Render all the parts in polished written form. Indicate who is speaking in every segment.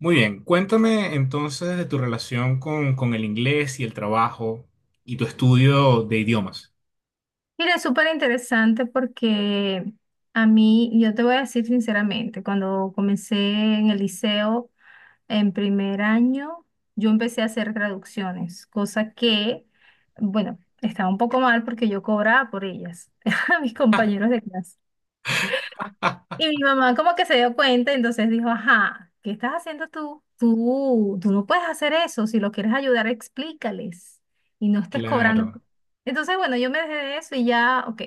Speaker 1: Muy bien, cuéntame entonces de tu relación con el inglés y el trabajo y tu estudio de idiomas.
Speaker 2: Mira, es súper interesante porque a mí, yo te voy a decir sinceramente, cuando comencé en el liceo en primer año, yo empecé a hacer traducciones, cosa que, bueno, estaba un poco mal porque yo cobraba por ellas a mis compañeros de clase. Y mi mamá como que se dio cuenta, entonces dijo, ajá, ¿qué estás haciendo tú? Tú no puedes hacer eso, si lo quieres ayudar, explícales y no estés cobrando.
Speaker 1: Claro,
Speaker 2: Entonces, bueno, yo me dejé de eso y ya, ok.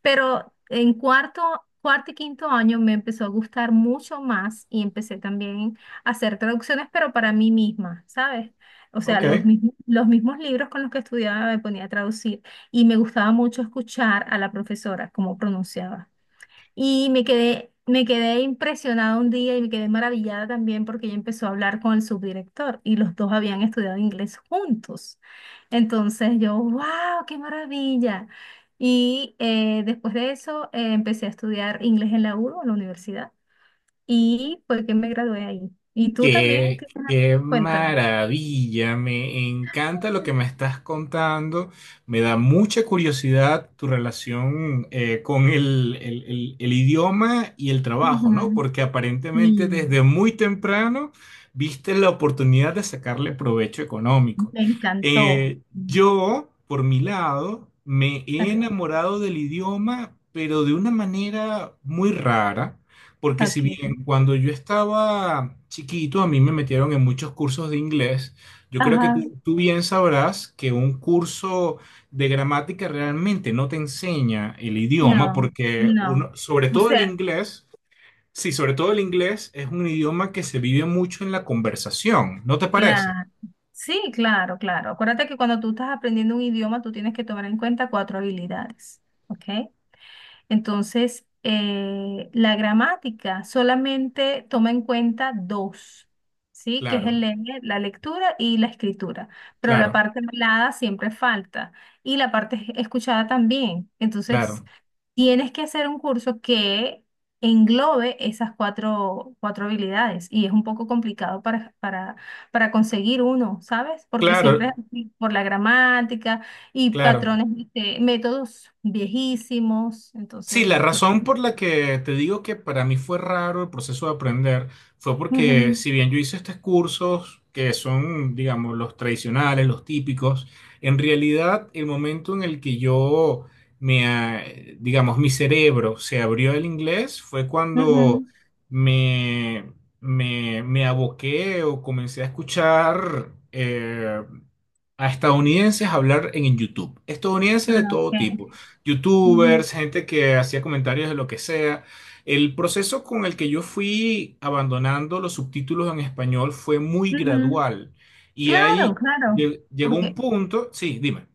Speaker 2: Pero en cuarto y quinto año me empezó a gustar mucho más y empecé también a hacer traducciones, pero para mí misma, ¿sabes? O sea,
Speaker 1: ok.
Speaker 2: los mismos libros con los que estudiaba me ponía a traducir y me gustaba mucho escuchar a la profesora cómo pronunciaba. Y me quedé impresionada un día y me quedé maravillada también porque ella empezó a hablar con el subdirector y los dos habían estudiado inglés juntos. Entonces yo, wow, qué maravilla. Y después de eso empecé a estudiar inglés en la U, D O, en la universidad, y fue que me gradué ahí. ¿Y tú también?
Speaker 1: Qué,
Speaker 2: ¿Qué-
Speaker 1: qué
Speaker 2: Cuéntame.
Speaker 1: maravilla, me encanta lo que me estás contando, me da mucha curiosidad tu relación con el idioma y el trabajo, ¿no?
Speaker 2: Ujú.
Speaker 1: Porque aparentemente
Speaker 2: Y
Speaker 1: desde muy temprano viste la oportunidad de sacarle provecho económico.
Speaker 2: me encantó.
Speaker 1: Eh, yo, por mi lado, me he
Speaker 2: Ok.
Speaker 1: enamorado del idioma, pero de una manera muy rara. Porque si
Speaker 2: Ok.
Speaker 1: bien cuando yo estaba chiquito a mí me metieron en muchos cursos de inglés, yo creo que
Speaker 2: Ajá.
Speaker 1: tú bien sabrás que un curso de gramática realmente no te enseña el idioma
Speaker 2: No,
Speaker 1: porque uno,
Speaker 2: no.
Speaker 1: sobre
Speaker 2: O
Speaker 1: todo el
Speaker 2: sea,
Speaker 1: inglés, sí, sobre todo el inglés es un idioma que se vive mucho en la conversación, ¿no te parece?
Speaker 2: claro. Sí, claro, claro. Acuérdate que cuando tú estás aprendiendo un idioma, tú tienes que tomar en cuenta cuatro habilidades, ¿ok? Entonces, la gramática solamente toma en cuenta dos, ¿sí? Que es el
Speaker 1: Claro,
Speaker 2: leer, la lectura y la escritura. Pero la
Speaker 1: claro,
Speaker 2: parte hablada siempre falta y la parte escuchada también. Entonces,
Speaker 1: claro,
Speaker 2: tienes que hacer un curso que englobe esas cuatro habilidades y es un poco complicado para conseguir uno, ¿sabes? Porque siempre
Speaker 1: claro,
Speaker 2: por la gramática y
Speaker 1: claro.
Speaker 2: patrones, este, métodos viejísimos,
Speaker 1: Sí, la
Speaker 2: entonces, claro.
Speaker 1: razón por la que te digo que para mí fue raro el proceso de aprender fue porque
Speaker 2: Ujú,
Speaker 1: si bien yo hice estos cursos que son, digamos, los tradicionales, los típicos, en realidad el momento en el que yo me, ah, digamos, mi cerebro se abrió al inglés fue cuando
Speaker 2: ujú.
Speaker 1: me, me aboqué o comencé a escuchar a estadounidenses hablar en YouTube, estadounidenses de
Speaker 2: Ah,
Speaker 1: todo
Speaker 2: ok.
Speaker 1: tipo,
Speaker 2: Ujú,
Speaker 1: youtubers, gente que hacía comentarios de lo que sea. El proceso con el que yo fui abandonando los subtítulos en español fue muy
Speaker 2: ujú.
Speaker 1: gradual. Y
Speaker 2: Claro,
Speaker 1: ahí
Speaker 2: claro.
Speaker 1: llegó
Speaker 2: ¿Por
Speaker 1: un
Speaker 2: qué?
Speaker 1: punto, sí, dime.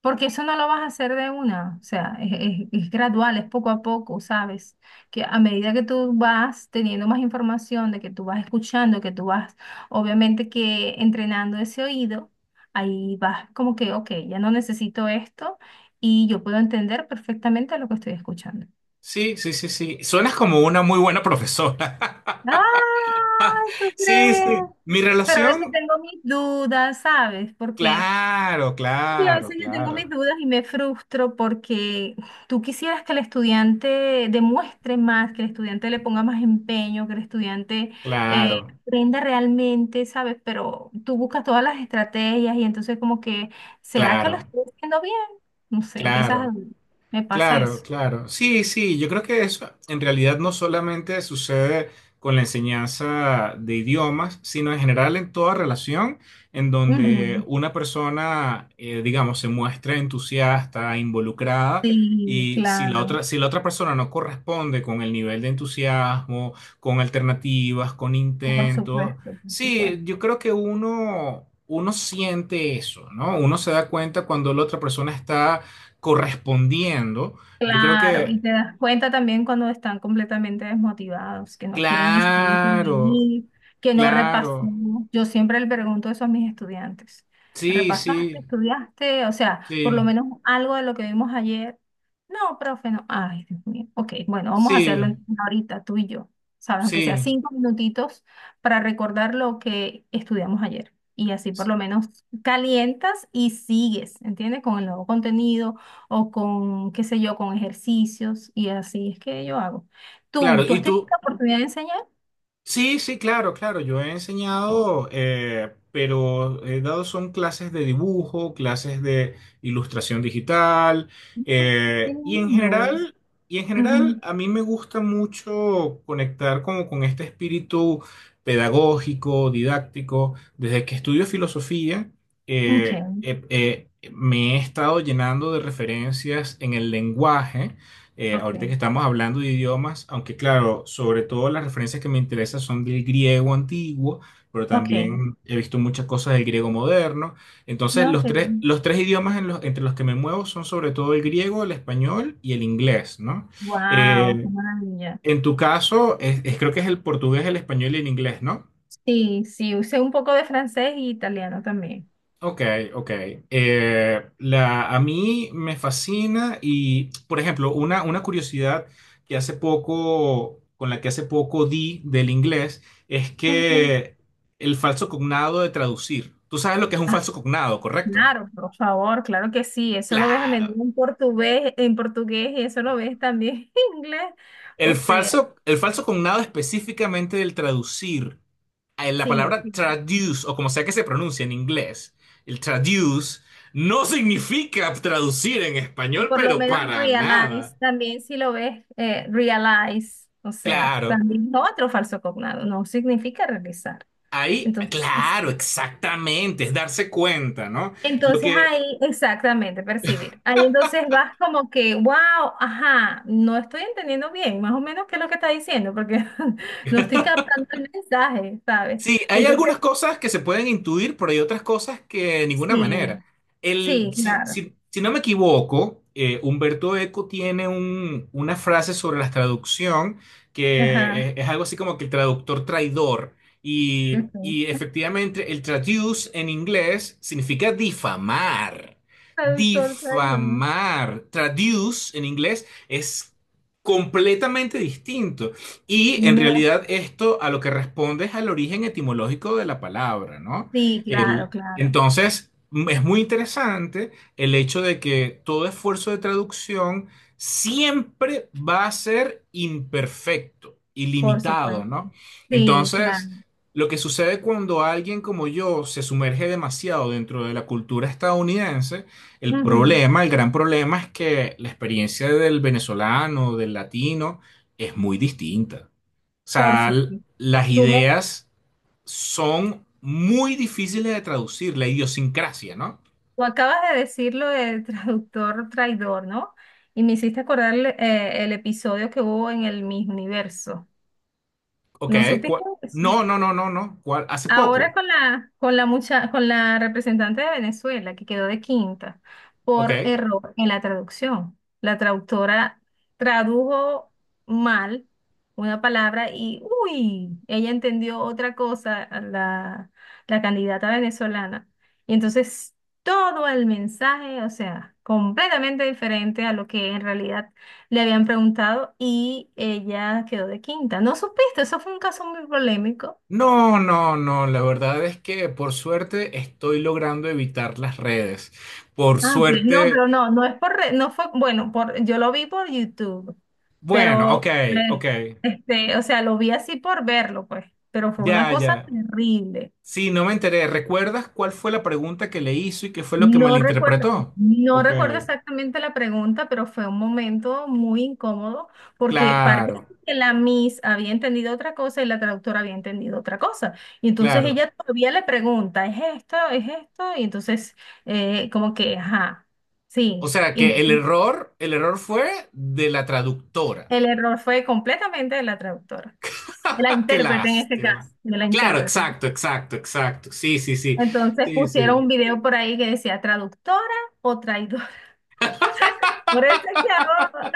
Speaker 2: Porque eso no lo vas a hacer de una, o sea, es, es gradual, es poco a poco, ¿sabes? Que a medida que tú vas teniendo más información, de que tú vas escuchando, que tú vas, obviamente que entrenando ese oído, ahí vas como que, ok, ya no necesito esto y yo puedo entender perfectamente lo que estoy escuchando.
Speaker 1: Sí, sí, sí, sí. Suenas como una muy buena profesora.
Speaker 2: Ay, ¿tú
Speaker 1: Sí,
Speaker 2: crees?
Speaker 1: sí. Mi
Speaker 2: Pero a veces
Speaker 1: relación,
Speaker 2: tengo mis dudas, ¿sabes? Porque
Speaker 1: claro,
Speaker 2: sí, a
Speaker 1: claro,
Speaker 2: veces yo tengo mis
Speaker 1: claro,
Speaker 2: dudas y me frustro porque tú quisieras que el estudiante demuestre más, que el estudiante le ponga más empeño, que el estudiante eh,
Speaker 1: claro,
Speaker 2: aprenda realmente, ¿sabes? Pero tú buscas todas las estrategias y entonces como que, ¿será que lo
Speaker 1: claro,
Speaker 2: estoy haciendo bien? No sé, empiezas a...
Speaker 1: claro.
Speaker 2: Me pasa
Speaker 1: Claro,
Speaker 2: eso.
Speaker 1: claro. Sí, sí, yo creo que eso en realidad no solamente sucede con la enseñanza de idiomas, sino en general en toda relación en donde
Speaker 2: Ujú.
Speaker 1: una persona, digamos, se muestra entusiasta, involucrada,
Speaker 2: Sí,
Speaker 1: y si la
Speaker 2: claro.
Speaker 1: otra, si la otra persona no corresponde con el nivel de entusiasmo, con alternativas, con
Speaker 2: Por
Speaker 1: intentos,
Speaker 2: supuesto, por
Speaker 1: sí,
Speaker 2: supuesto.
Speaker 1: yo creo que uno siente eso, ¿no? Uno se da cuenta cuando la otra persona está correspondiendo, yo creo
Speaker 2: Claro, y
Speaker 1: que,
Speaker 2: te das cuenta también cuando están completamente desmotivados, que no quieren ni siquiera
Speaker 1: claro,
Speaker 2: intervenir, que no repasó.
Speaker 1: claro,
Speaker 2: Yo siempre le pregunto eso a mis estudiantes.
Speaker 1: sí,
Speaker 2: ¿Repasaste?
Speaker 1: sí,
Speaker 2: ¿Estudiaste? O sea, por lo
Speaker 1: sí,
Speaker 2: menos algo de lo que vimos ayer. No, profe, no. Ay, Dios mío. Ok, bueno, vamos a hacerlo
Speaker 1: sí,
Speaker 2: entonces ahorita, tú y yo. ¿Sabes? Aunque sea
Speaker 1: sí,
Speaker 2: 5 minutitos para recordar lo que estudiamos ayer. Y así por lo menos calientas y sigues, ¿entiendes? Con el nuevo contenido o con, qué sé yo, con ejercicios y así es que yo hago. ¿Tú,
Speaker 1: claro.
Speaker 2: tú
Speaker 1: ¿Y
Speaker 2: has tenido
Speaker 1: tú?
Speaker 2: la oportunidad de enseñar?
Speaker 1: Sí, sí, claro, claro. Yo he
Speaker 2: No.
Speaker 1: enseñado, pero he dado son clases de dibujo, clases de ilustración digital,
Speaker 2: Ah, qué
Speaker 1: eh, y en
Speaker 2: lindo es.
Speaker 1: general, y en general
Speaker 2: Ujú.
Speaker 1: a mí me gusta mucho conectar como con este espíritu pedagógico, didáctico. Desde que estudio filosofía, eh,
Speaker 2: Ok,
Speaker 1: eh, me he estado llenando de referencias en el lenguaje. Ahorita que
Speaker 2: ok,
Speaker 1: estamos hablando de idiomas, aunque claro, sobre todo las referencias que me interesan son del griego antiguo, pero
Speaker 2: ok.
Speaker 1: también he visto muchas cosas del griego moderno. Entonces,
Speaker 2: No, qué bien.
Speaker 1: los tres idiomas en entre los que me muevo son sobre todo el griego, el español y el inglés, ¿no?
Speaker 2: Wow, qué
Speaker 1: Eh,
Speaker 2: maravilla.
Speaker 1: en tu caso, creo que es el portugués, el español y el inglés, ¿no?
Speaker 2: Sí, sí, usé un poco de francés y italiano también.
Speaker 1: Ok, ok. A mí me fascina y, por ejemplo, una curiosidad con la que hace poco di del inglés, es
Speaker 2: Ujú.
Speaker 1: que el falso cognado de traducir. Tú sabes lo que es un
Speaker 2: Ah,
Speaker 1: falso cognado, ¿correcto?
Speaker 2: claro, por favor, claro que sí. Eso lo ves a
Speaker 1: Claro.
Speaker 2: menudo en portugués, y eso lo ves también en inglés. O
Speaker 1: El
Speaker 2: sea,
Speaker 1: falso, el falso cognado específicamente del traducir, la
Speaker 2: sí.
Speaker 1: palabra
Speaker 2: Sí.
Speaker 1: traduce, o como sea que se pronuncia en inglés, el traduce no significa traducir en español,
Speaker 2: Por lo
Speaker 1: pero
Speaker 2: menos
Speaker 1: para
Speaker 2: Realize,
Speaker 1: nada.
Speaker 2: también si lo ves, Realize, o sea,
Speaker 1: Claro,
Speaker 2: también es otro falso cognado, no significa realizar.
Speaker 1: ahí,
Speaker 2: Entonces,
Speaker 1: claro, exactamente, es darse cuenta, ¿no? Lo
Speaker 2: entonces
Speaker 1: que,
Speaker 2: ahí, exactamente, percibir. Ahí entonces vas como que, wow, ajá, no estoy entendiendo bien, más o menos qué es lo que está diciendo, porque no estoy captando el mensaje, ¿sabes?
Speaker 1: Sí, hay
Speaker 2: Entonces,
Speaker 1: algunas cosas que se pueden intuir, pero hay otras cosas que de ninguna
Speaker 2: sí,
Speaker 1: manera. El,
Speaker 2: sí,
Speaker 1: si,
Speaker 2: claro.
Speaker 1: si- Si no me equivoco, Humberto Eco tiene una frase sobre la traducción que
Speaker 2: Ajá.
Speaker 1: es algo así como que el traductor traidor. Y
Speaker 2: Ok.
Speaker 1: efectivamente, el traduce en inglés significa difamar.
Speaker 2: Traductor, traidor.
Speaker 1: Difamar. Traduce en inglés es completamente distinto. Y en
Speaker 2: Me-
Speaker 1: realidad esto a lo que responde es al origen etimológico de la palabra, ¿no?
Speaker 2: Sí, claro, claro.
Speaker 1: Entonces, es muy interesante el hecho de que todo esfuerzo de traducción siempre va a ser imperfecto,
Speaker 2: Por
Speaker 1: ilimitado,
Speaker 2: supuesto.
Speaker 1: ¿no?
Speaker 2: Sí,
Speaker 1: Entonces,
Speaker 2: claro.
Speaker 1: lo que sucede cuando alguien como yo se sumerge demasiado dentro de la cultura estadounidense, el
Speaker 2: Ujú,
Speaker 1: problema, el gran problema es que la experiencia del venezolano, del latino, es muy distinta. O
Speaker 2: por
Speaker 1: sea,
Speaker 2: supuesto.
Speaker 1: las
Speaker 2: Tú me,
Speaker 1: ideas son muy difíciles de traducir, la idiosincrasia, ¿no?
Speaker 2: tú acabas de decirlo del traductor traidor, ¿no? Y me hiciste acordar el episodio que hubo en el Miss Universo.
Speaker 1: Ok,
Speaker 2: ¿No supiste
Speaker 1: ¿cuál-
Speaker 2: eso?
Speaker 1: No, no, no, no, no. ¿Cuál? Hace poco.
Speaker 2: Ahora con la, con la representante de Venezuela, que quedó de quinta por
Speaker 1: Ok.
Speaker 2: error en la traducción. La traductora tradujo mal una palabra y, uy, ella entendió otra cosa, la candidata venezolana. Y entonces todo el mensaje, o sea, completamente diferente a lo que en realidad le habían preguntado y ella quedó de quinta. ¿No supiste? Eso fue un caso muy polémico.
Speaker 1: No, no, no. La verdad es que por suerte estoy logrando evitar las redes. Por
Speaker 2: Ah, ok. No,
Speaker 1: suerte.
Speaker 2: pero no, no es por, no fue, bueno, por, yo lo vi por YouTube,
Speaker 1: Bueno, ok,
Speaker 2: pero,
Speaker 1: ok.
Speaker 2: este, o sea, lo vi así por verlo, pues, pero fue una
Speaker 1: Ya,
Speaker 2: cosa
Speaker 1: ya.
Speaker 2: terrible.
Speaker 1: Sí, no me enteré. ¿Recuerdas cuál fue la pregunta que le hizo y qué fue lo que malinterpretó?
Speaker 2: No
Speaker 1: Ok.
Speaker 2: recuerdo exactamente la pregunta, pero fue un momento muy incómodo porque parece
Speaker 1: Claro,
Speaker 2: que la Miss había entendido otra cosa y la traductora había entendido otra cosa. Y entonces
Speaker 1: claro.
Speaker 2: ella todavía le pregunta, ¿es esto? ¿Es esto? Y entonces, como que, ajá,
Speaker 1: O
Speaker 2: sí.
Speaker 1: sea que
Speaker 2: Y
Speaker 1: el error fue de la traductora.
Speaker 2: el error fue completamente de la traductora, de la
Speaker 1: ¡Ah, qué
Speaker 2: intérprete en este
Speaker 1: lástima!
Speaker 2: caso, de la
Speaker 1: Claro,
Speaker 2: intérprete.
Speaker 1: exacto, exacto, exacto. Sí, sí, sí.
Speaker 2: Entonces
Speaker 1: Sí,
Speaker 2: pusieron
Speaker 1: sí.
Speaker 2: un video por ahí que decía traductora o traidora. Por eso es que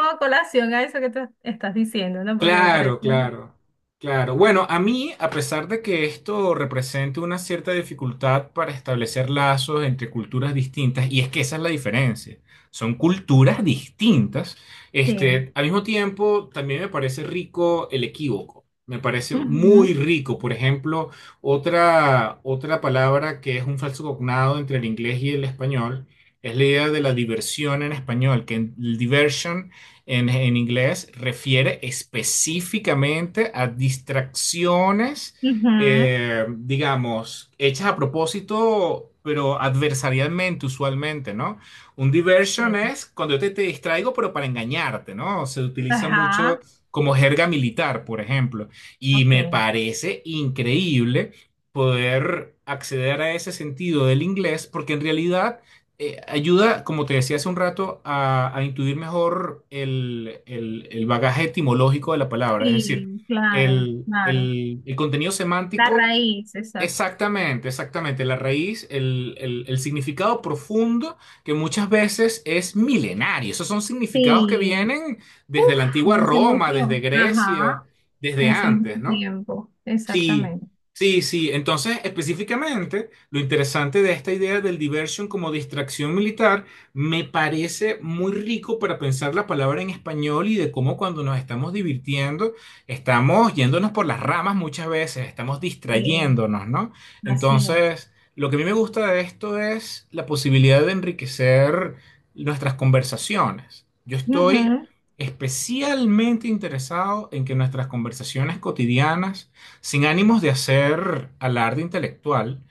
Speaker 2: hago colación a eso que tú estás diciendo, ¿no? Porque me parece.
Speaker 1: Claro, claro, claro. Bueno, a mí, a pesar de que esto represente una cierta dificultad para establecer lazos entre culturas distintas, y es que esa es la diferencia, son culturas distintas,
Speaker 2: Sí.
Speaker 1: este, al mismo tiempo también me parece rico el equívoco, me parece muy
Speaker 2: Ujú,
Speaker 1: rico. Por ejemplo, otra palabra que es un falso cognado entre el inglés y el español es la idea de la diversión en español, que el diversion en inglés refiere específicamente a distracciones,
Speaker 2: ujú,
Speaker 1: digamos, hechas a propósito, pero adversarialmente usualmente, ¿no? Un diversion
Speaker 2: sí.
Speaker 1: es cuando yo te distraigo, pero para engañarte, ¿no? Se utiliza mucho
Speaker 2: Ajá,
Speaker 1: como jerga militar, por ejemplo. Y me
Speaker 2: ok.
Speaker 1: parece increíble poder acceder a ese sentido del inglés, porque en realidad ayuda, como te decía hace un rato, a intuir mejor el bagaje etimológico de la palabra, es decir,
Speaker 2: Sí, claro,
Speaker 1: el,
Speaker 2: claro.
Speaker 1: el- el contenido
Speaker 2: La
Speaker 1: semántico,
Speaker 2: raíz, exacto.
Speaker 1: exactamente, exactamente, la raíz, el significado profundo que muchas veces es milenario. Esos son significados que
Speaker 2: Sí.
Speaker 1: vienen
Speaker 2: Uf,
Speaker 1: desde la antigua
Speaker 2: de hace mucho.
Speaker 1: Roma, desde Grecia,
Speaker 2: Ajá, de
Speaker 1: desde
Speaker 2: hace mucho
Speaker 1: antes, ¿no?
Speaker 2: tiempo,
Speaker 1: Sí,
Speaker 2: exactamente.
Speaker 1: sí, sí. Entonces, específicamente, lo interesante de esta idea del diversion como distracción militar me parece muy rico para pensar la palabra en español y de cómo cuando nos estamos divirtiendo, estamos yéndonos por las ramas muchas veces, estamos
Speaker 2: Sí.
Speaker 1: distrayéndonos, ¿no?
Speaker 2: Así es.
Speaker 1: Entonces, lo que a mí me gusta de esto es la posibilidad de enriquecer nuestras conversaciones. Yo estoy
Speaker 2: Ujú,
Speaker 1: especialmente interesado en que nuestras conversaciones cotidianas sin ánimos de hacer alarde intelectual,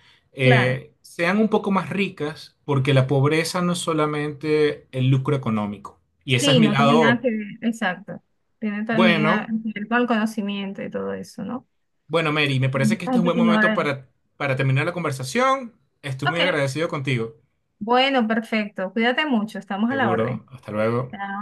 Speaker 2: claro.
Speaker 1: sean un poco más ricas, porque la pobreza no es solamente el lucro económico. Y ese es
Speaker 2: Sí,
Speaker 1: mi
Speaker 2: no tiene nada
Speaker 1: lado,
Speaker 2: que ver. Exacto. Tiene también
Speaker 1: bueno,
Speaker 2: que ver con el conocimiento y todo eso, ¿no?
Speaker 1: bueno, Mary, me parece
Speaker 2: Hay
Speaker 1: que este es un
Speaker 2: gente
Speaker 1: buen
Speaker 2: que
Speaker 1: momento
Speaker 2: ignora eso.
Speaker 1: para terminar la conversación. Estoy
Speaker 2: Ok.
Speaker 1: muy agradecido contigo.
Speaker 2: Bueno, perfecto. Cuídate mucho. Estamos a la orden.
Speaker 1: Seguro. Hasta luego.
Speaker 2: Chao.